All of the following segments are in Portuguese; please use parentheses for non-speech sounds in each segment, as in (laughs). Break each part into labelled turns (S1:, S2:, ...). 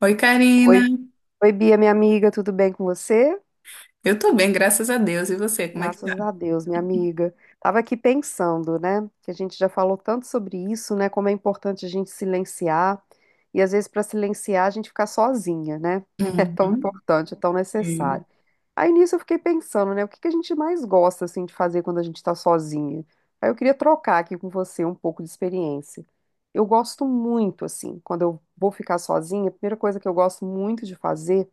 S1: Oi, Karina.
S2: Oi, Bia, minha amiga, tudo bem com você?
S1: Eu tô bem, graças a Deus. E você, como é que tá?
S2: Graças a Deus, minha amiga. Tava aqui pensando, né, que a gente já falou tanto sobre isso, né, como é importante a gente silenciar e às vezes para silenciar a gente ficar sozinha, né? (laughs) É tão
S1: Uhum.
S2: importante, é tão
S1: Sim.
S2: necessário. Aí nisso eu fiquei pensando, né, o que que a gente mais gosta assim de fazer quando a gente está sozinha? Aí eu queria trocar aqui com você um pouco de experiência. Eu gosto muito assim, quando eu vou ficar sozinha, a primeira coisa que eu gosto muito de fazer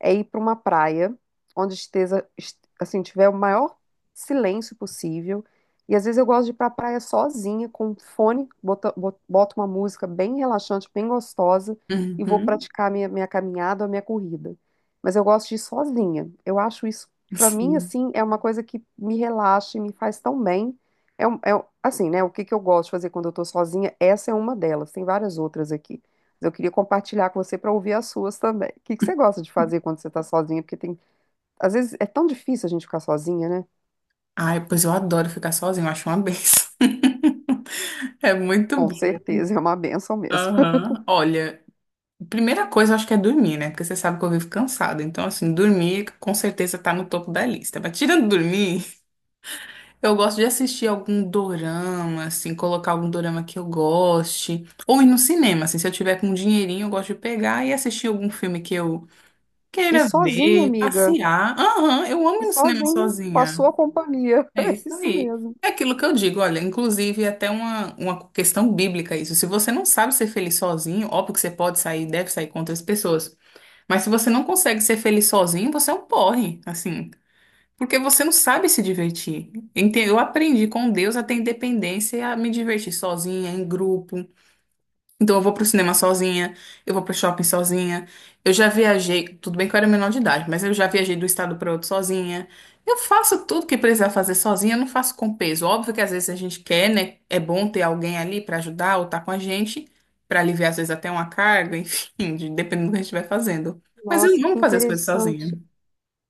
S2: é ir para uma praia onde esteja, assim, tiver o maior silêncio possível. E às vezes eu gosto de ir para a praia sozinha, com um fone, boto uma música bem relaxante, bem gostosa, e vou
S1: Uhum.
S2: praticar minha caminhada ou minha corrida. Mas eu gosto de ir sozinha. Eu acho isso, para mim,
S1: Sim.
S2: assim, é uma coisa que me relaxa e me faz tão bem. É, é assim, né? O que que eu gosto de fazer quando eu tô sozinha? Essa é uma delas, tem várias outras aqui. Eu queria compartilhar com você para ouvir as suas também. O que que você gosta de fazer quando você está sozinha? Porque tem, às vezes é tão difícil a gente ficar sozinha, né?
S1: Ai, pois eu adoro ficar sozinho. Eu acho uma benção. (laughs) É muito
S2: Com
S1: bom.
S2: certeza, é uma benção mesmo. (laughs)
S1: Aham. Olha, primeira coisa eu acho que é dormir, né? Porque você sabe que eu vivo cansada. Então, assim, dormir com certeza tá no topo da lista. Mas tirando dormir, eu gosto de assistir algum dorama, assim, colocar algum dorama que eu goste. Ou ir no cinema, assim, se eu tiver com um dinheirinho, eu gosto de pegar e assistir algum filme que eu
S2: E
S1: queira
S2: sozinha,
S1: ver,
S2: amiga,
S1: passear. Aham, eu amo
S2: e
S1: ir no cinema
S2: sozinha, com a
S1: sozinha.
S2: sua companhia. (laughs)
S1: É
S2: É
S1: isso
S2: isso
S1: aí.
S2: mesmo.
S1: É aquilo que eu digo, olha, inclusive é até uma questão bíblica isso. Se você não sabe ser feliz sozinho, óbvio que você pode sair, deve sair com outras pessoas. Mas se você não consegue ser feliz sozinho, você é um porre, assim. Porque você não sabe se divertir. Eu aprendi com Deus a ter independência e a me divertir sozinha, em grupo. Então eu vou pro cinema sozinha, eu vou pro shopping sozinha. Eu já viajei, tudo bem que eu era menor de idade, mas eu já viajei do estado para outro sozinha. Eu faço tudo que precisar fazer sozinha, eu não faço com peso. Óbvio que às vezes a gente quer, né? É bom ter alguém ali para ajudar ou tá com a gente, para aliviar às vezes até uma carga, (laughs) enfim, dependendo do que a gente vai fazendo. Mas eu
S2: Nossa,
S1: amo
S2: que
S1: fazer as coisas sozinha.
S2: interessante.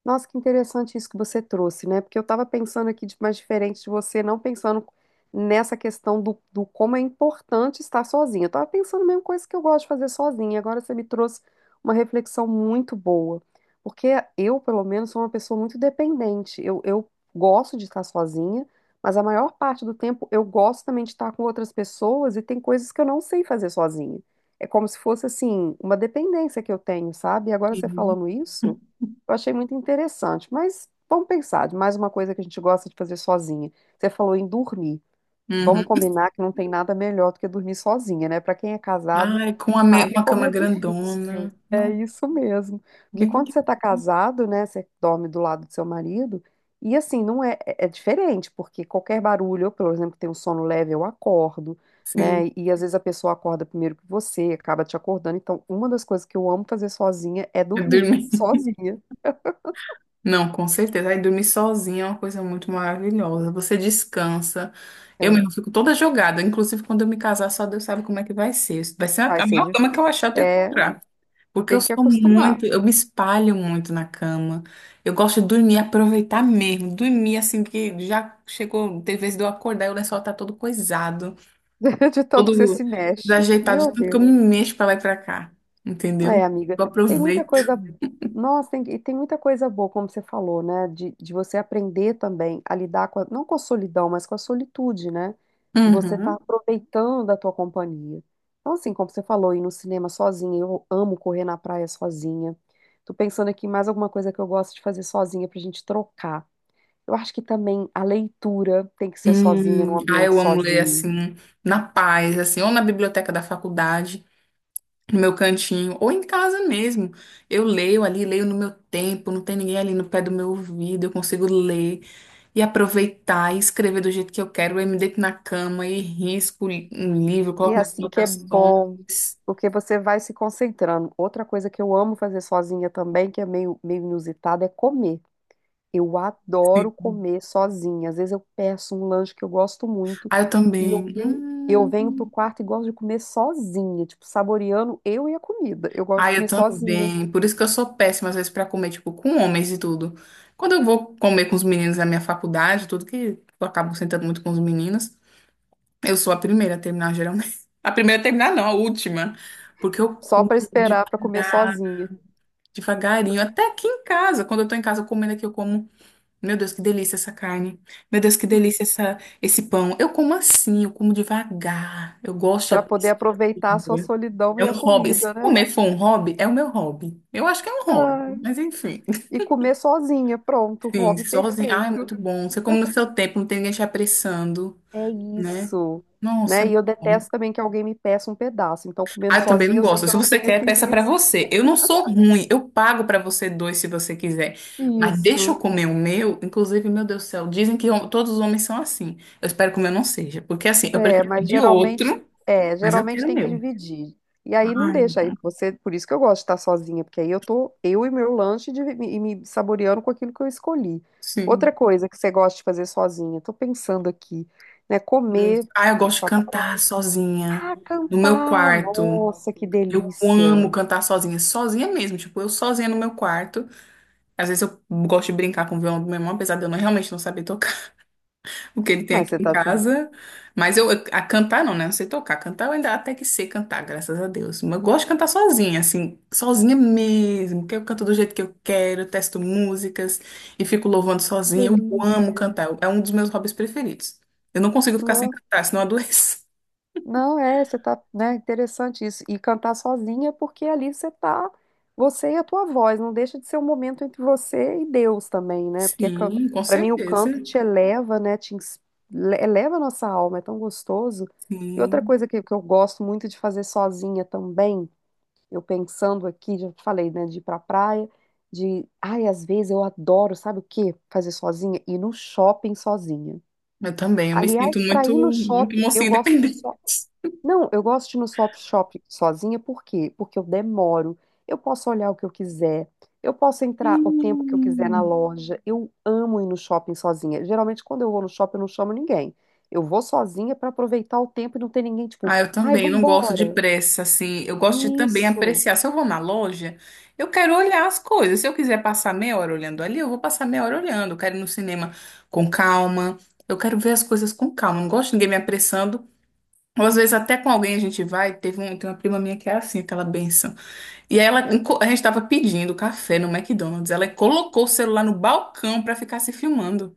S2: Nossa, que interessante isso que você trouxe, né? Porque eu estava pensando aqui de mais diferente de você, não pensando nessa questão do, do como é importante estar sozinha. Eu estava pensando a mesma coisa que eu gosto de fazer sozinha. Agora você me trouxe uma reflexão muito boa. Porque eu, pelo menos, sou uma pessoa muito dependente. Eu gosto de estar sozinha, mas a maior parte do tempo eu gosto também de estar com outras pessoas e tem coisas que eu não sei fazer sozinha. É como se fosse, assim, uma dependência que eu tenho, sabe? E agora você
S1: Sim.
S2: falando isso. Eu achei muito interessante, mas vamos pensar de mais uma coisa que a gente gosta de fazer sozinha. Você falou em dormir.
S1: Uhum.
S2: Vamos combinar que não tem nada melhor do que dormir sozinha, né? Para quem é casado,
S1: Ai, com a
S2: sabe
S1: uma
S2: como
S1: cama
S2: é
S1: grandona.
S2: difícil. É
S1: Não,
S2: isso mesmo. Porque
S1: bem
S2: quando você está casado, né, você dorme do lado do seu marido, e assim, não é, é diferente, porque qualquer barulho, eu, por exemplo, tenho um sono leve, eu acordo,
S1: assim.
S2: né? E às vezes a pessoa acorda primeiro que você, acaba te acordando. Então, uma das coisas que eu amo fazer sozinha é
S1: Eu
S2: dormir,
S1: dormi.
S2: sozinha.
S1: Não, com certeza. Aí dormir sozinha é uma coisa muito maravilhosa. Você descansa. Eu
S2: É.
S1: mesmo fico toda jogada. Inclusive, quando eu me casar, só Deus sabe como é que vai ser. Vai ser a
S2: Vai
S1: a
S2: ser
S1: maior cama que eu
S2: difícil.
S1: achar, eu tenho que
S2: É,
S1: comprar. Porque eu
S2: tem que
S1: sou
S2: acostumar,
S1: muito, eu me espalho muito na cama. Eu gosto de dormir, aproveitar mesmo. Dormir assim que já chegou, tem vezes de eu acordar e o lençol tá todo coisado.
S2: (laughs) de tanto que você
S1: Todo
S2: se mexe.
S1: desajeitado, de
S2: Meu
S1: tanto que eu
S2: Deus.
S1: me mexo pra lá e pra cá,
S2: É,
S1: entendeu?
S2: amiga,
S1: Eu
S2: tem muita
S1: aproveito.
S2: coisa. Nossa, tem, e tem muita coisa boa, como você falou, né? De você aprender também a lidar com, não com a solidão, mas com a solitude, né? De você estar
S1: Uhum.
S2: aproveitando a tua companhia. Então, assim, como você falou, ir no cinema sozinha, eu amo correr na praia sozinha. Tô pensando aqui em mais alguma coisa que eu gosto de fazer sozinha pra gente trocar. Eu acho que também a leitura tem que ser sozinha, num ambiente
S1: Eu amo ler
S2: sozinho.
S1: assim, na paz, assim, ou na biblioteca da faculdade, no meu cantinho, ou em casa mesmo. Eu leio ali, leio no meu tempo, não tem ninguém ali no pé do meu ouvido, eu consigo ler e aproveitar e escrever do jeito que eu quero. Eu me deito na cama e risco um livro,
S2: E é
S1: coloco minhas
S2: assim que é
S1: anotações.
S2: bom, porque você vai se concentrando. Outra coisa que eu amo fazer sozinha também, que é meio inusitada, é comer. Eu
S1: Sim.
S2: adoro comer sozinha. Às vezes eu peço um lanche que eu gosto muito
S1: Ah, eu
S2: e
S1: também.
S2: eu venho pro
S1: Hum.
S2: quarto e gosto de comer sozinha, tipo, saboreando eu e a comida. Eu gosto de
S1: Ai, eu
S2: comer sozinha,
S1: também. Por isso que eu sou péssima, às vezes, pra comer, tipo, com homens e tudo. Quando eu vou comer com os meninos da minha faculdade, tudo que eu acabo sentando muito com os meninos, eu sou a primeira a terminar, geralmente. (laughs) A primeira a terminar, não, a última. Porque eu
S2: só
S1: como
S2: para esperar para comer
S1: devagar,
S2: sozinha,
S1: devagarinho. Até aqui em casa, quando eu tô em casa comendo aqui, eu como. Meu Deus, que delícia essa carne. Meu Deus, que delícia esse pão. Eu como assim, eu como devagar. Eu gosto de
S2: para poder
S1: apreciar.
S2: aproveitar a sua solidão
S1: É
S2: e
S1: um
S2: a
S1: hobby. Se
S2: comida, né?
S1: comer for um hobby, é o meu hobby. Eu acho que é um hobby,
S2: Ai.
S1: mas enfim.
S2: E comer sozinha. Pronto,
S1: Sim,
S2: hobby
S1: sozinho. Ah, é
S2: perfeito.
S1: muito bom. Você come no seu tempo, não tem ninguém te apressando,
S2: É
S1: né?
S2: isso.
S1: Nossa, é
S2: Né? E eu
S1: muito bom.
S2: detesto também que alguém me peça um pedaço. Então, comendo
S1: Ah, eu também
S2: sozinha,
S1: não
S2: eu sei
S1: gosto.
S2: que eu
S1: Se
S2: não
S1: você
S2: tenho
S1: quer,
S2: esse
S1: peça pra
S2: risco.
S1: você. Eu não sou ruim. Eu pago pra você dois se você quiser. Mas deixa
S2: Isso.
S1: eu comer o meu. Inclusive, meu Deus do céu, dizem que todos os homens são assim. Eu espero que o meu não seja. Porque assim, eu
S2: É,
S1: prefiro
S2: mas
S1: pedir
S2: geralmente,
S1: outro, mas eu
S2: geralmente
S1: quero o
S2: tem que
S1: meu.
S2: dividir. E aí não
S1: Ai,
S2: deixa aí você, por isso que eu gosto de estar sozinha, porque aí eu tô eu e meu lanche e me saboreando com aquilo que eu escolhi.
S1: sim.
S2: Outra coisa que você gosta de fazer sozinha, tô pensando aqui, né,
S1: Muito.
S2: comer,
S1: Ah, eu
S2: ir
S1: gosto de cantar
S2: praia,
S1: sozinha,
S2: ah,
S1: no meu
S2: cantar.
S1: quarto.
S2: Nossa, que
S1: Eu
S2: delícia.
S1: amo cantar sozinha, sozinha mesmo. Tipo, eu sozinha no meu quarto. Às vezes eu gosto de brincar com o violão do meu irmão, apesar de eu não- realmente não saber tocar (laughs) o que ele tem
S2: Mas
S1: aqui
S2: você
S1: em
S2: tá tendo.
S1: casa. Mas a cantar não, né? Não sei tocar. Cantar eu ainda até que sei cantar, graças a Deus. Mas eu gosto de cantar sozinha, assim, sozinha mesmo. Porque eu canto do jeito que eu quero, eu testo músicas e fico louvando
S2: Que
S1: sozinha. Eu amo
S2: delícia.
S1: cantar. É um dos meus hobbies preferidos. Eu não consigo ficar sem
S2: Nossa,
S1: cantar, senão eu adoeço.
S2: não é, você tá, né, interessante isso. E cantar sozinha, porque ali você tá, você e a tua voz, não deixa de ser um momento entre você e Deus também, né? Porque
S1: Sim, com
S2: para mim o
S1: certeza.
S2: canto te eleva, né, eleva a nossa alma, é tão gostoso. E outra
S1: Sim.
S2: coisa que eu gosto muito de fazer sozinha também, eu pensando aqui, já te falei, né, de ir pra praia, de, ai, às vezes eu adoro, sabe o quê? Fazer sozinha, ir no shopping sozinha.
S1: Eu também, eu me
S2: Aliás,
S1: sinto
S2: para
S1: muito,
S2: ir no
S1: muito
S2: shopping, eu
S1: mocinha
S2: gosto de
S1: independente.
S2: só. Não, eu gosto de ir no shopping sozinha, por quê? Porque eu demoro, eu posso olhar o que eu quiser, eu posso entrar o tempo que eu quiser na
S1: Hum.
S2: loja. Eu amo ir no shopping sozinha. Geralmente, quando eu vou no shopping, eu não chamo ninguém. Eu vou sozinha para aproveitar o tempo e não ter ninguém, tipo,
S1: Ah, eu
S2: ai,
S1: também não gosto de
S2: vambora.
S1: pressa, assim. Eu gosto de também
S2: Isso.
S1: apreciar. Se eu vou na loja, eu quero olhar as coisas. Se eu quiser passar meia hora olhando ali, eu vou passar meia hora olhando. Eu quero ir no cinema com calma. Eu quero ver as coisas com calma. Não gosto de ninguém me apressando. Ou às vezes até com alguém a gente vai. Teve tem uma prima minha que é assim, aquela benção. E aí a gente tava pedindo café no McDonald's. Ela colocou o celular no balcão pra ficar se filmando.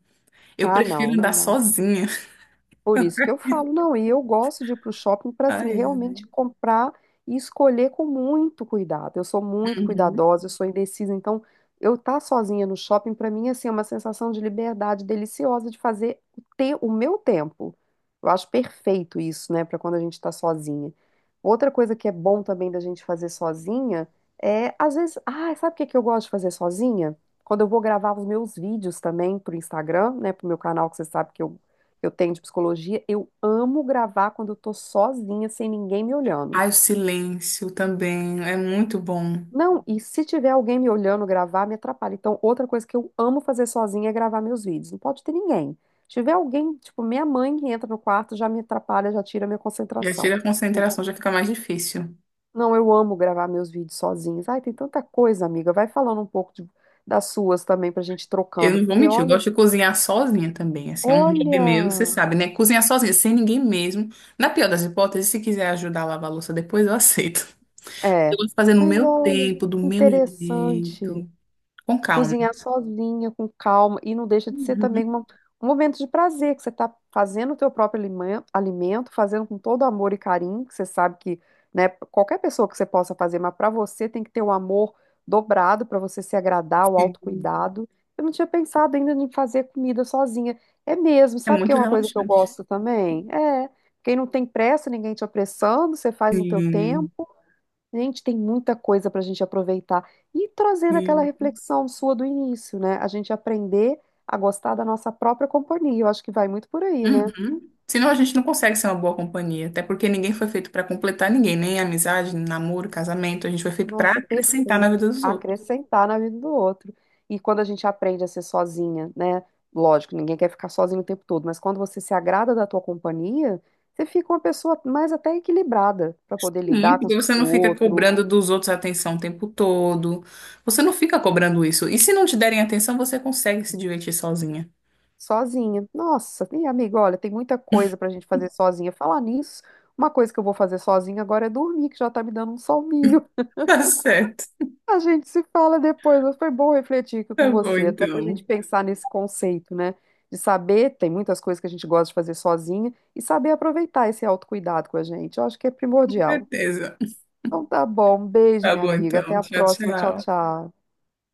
S1: Eu
S2: Ah,
S1: prefiro
S2: não, não
S1: andar
S2: dá.
S1: sozinha. (laughs)
S2: Por isso que eu falo, não, e eu gosto de ir para o shopping para assim
S1: Ai,
S2: realmente comprar e escolher com muito cuidado. Eu sou muito
S1: uhum.
S2: cuidadosa, eu sou indecisa, então eu estar tá sozinha no shopping para mim assim é uma sensação de liberdade deliciosa de fazer o meu tempo. Eu acho perfeito isso, né, para quando a gente está sozinha. Outra coisa que é bom também da gente fazer sozinha é às vezes, ah, sabe o que que eu gosto de fazer sozinha? Quando eu vou gravar os meus vídeos também para o Instagram, né, para o meu canal que você sabe que eu tenho de psicologia, eu amo gravar quando eu tô sozinha, sem ninguém me olhando.
S1: Ai, o silêncio também é muito bom.
S2: Não, e se tiver alguém me olhando gravar, me atrapalha. Então, outra coisa que eu amo fazer sozinha é gravar meus vídeos. Não pode ter ninguém. Se tiver alguém, tipo, minha mãe que entra no quarto, já me atrapalha, já tira a minha
S1: Já
S2: concentração.
S1: tira a concentração, já fica mais difícil.
S2: Não, eu amo gravar meus vídeos sozinhos. Ai, tem tanta coisa, amiga. Vai falando um pouco das suas também pra gente ir
S1: Eu
S2: trocando,
S1: não vou
S2: porque
S1: mentir, eu
S2: olha,
S1: gosto de cozinhar sozinha também. Assim, é um hobby meu, você
S2: olha,
S1: sabe, né? Cozinhar sozinha, sem ninguém mesmo. Na pior das hipóteses, se quiser ajudar a lavar a louça depois, eu aceito. Eu
S2: é,
S1: gosto de fazer no
S2: mas
S1: meu
S2: olha,
S1: tempo, do
S2: que
S1: meu
S2: interessante.
S1: jeito, com calma.
S2: Cozinhar sozinha, com calma, e não deixa de ser
S1: Uhum.
S2: também um momento de prazer, que você está fazendo o teu próprio alimento, fazendo com todo amor e carinho, que você sabe que, né, qualquer pessoa que você possa fazer, mas para você tem que ter o amor dobrado para você se agradar, o autocuidado. Eu não tinha pensado ainda em fazer comida sozinha. É mesmo,
S1: É
S2: sabe que é
S1: muito
S2: uma coisa que eu
S1: relaxante.
S2: gosto também? É, quem não tem pressa, ninguém te apressando, você faz no teu
S1: Sim,
S2: tempo. Gente, tem muita coisa para a gente aproveitar. E trazendo aquela
S1: sim.
S2: reflexão sua do início, né? A gente aprender a gostar da nossa própria companhia. Eu acho que vai muito por aí, né?
S1: Uhum. Senão a gente não consegue ser uma boa companhia, até porque ninguém foi feito para completar ninguém, nem amizade, nem namoro, casamento. A gente foi feito para
S2: Nossa,
S1: acrescentar na
S2: perfeito.
S1: vida dos outros.
S2: Acrescentar na vida do outro. E quando a gente aprende a ser sozinha, né? Lógico, ninguém quer ficar sozinho o tempo todo, mas quando você se agrada da tua companhia, você fica uma pessoa mais até equilibrada para poder
S1: Sim,
S2: lidar com
S1: porque você
S2: com
S1: não
S2: o
S1: fica
S2: outro
S1: cobrando dos outros atenção o tempo todo. Você não fica cobrando isso. E se não te derem atenção, você consegue se divertir sozinha. (laughs)
S2: sozinha. Nossa, e amiga, olha, tem muita coisa pra gente fazer sozinha. Falar nisso, uma coisa que eu vou fazer sozinha agora é dormir, que já tá me dando um soninho. (laughs)
S1: Tá certo.
S2: A gente se fala depois, mas foi bom refletir aqui
S1: Tá
S2: com
S1: bom,
S2: você, até pra gente
S1: então.
S2: pensar nesse conceito, né? De saber, tem muitas coisas que a gente gosta de fazer sozinha, e saber aproveitar esse autocuidado com a gente. Eu acho que é
S1: Com
S2: primordial.
S1: certeza.
S2: Então tá bom, um beijo,
S1: Tá
S2: minha
S1: bom,
S2: amiga. Até
S1: então.
S2: a
S1: Tchau,
S2: próxima. Tchau,
S1: tchau.
S2: tchau.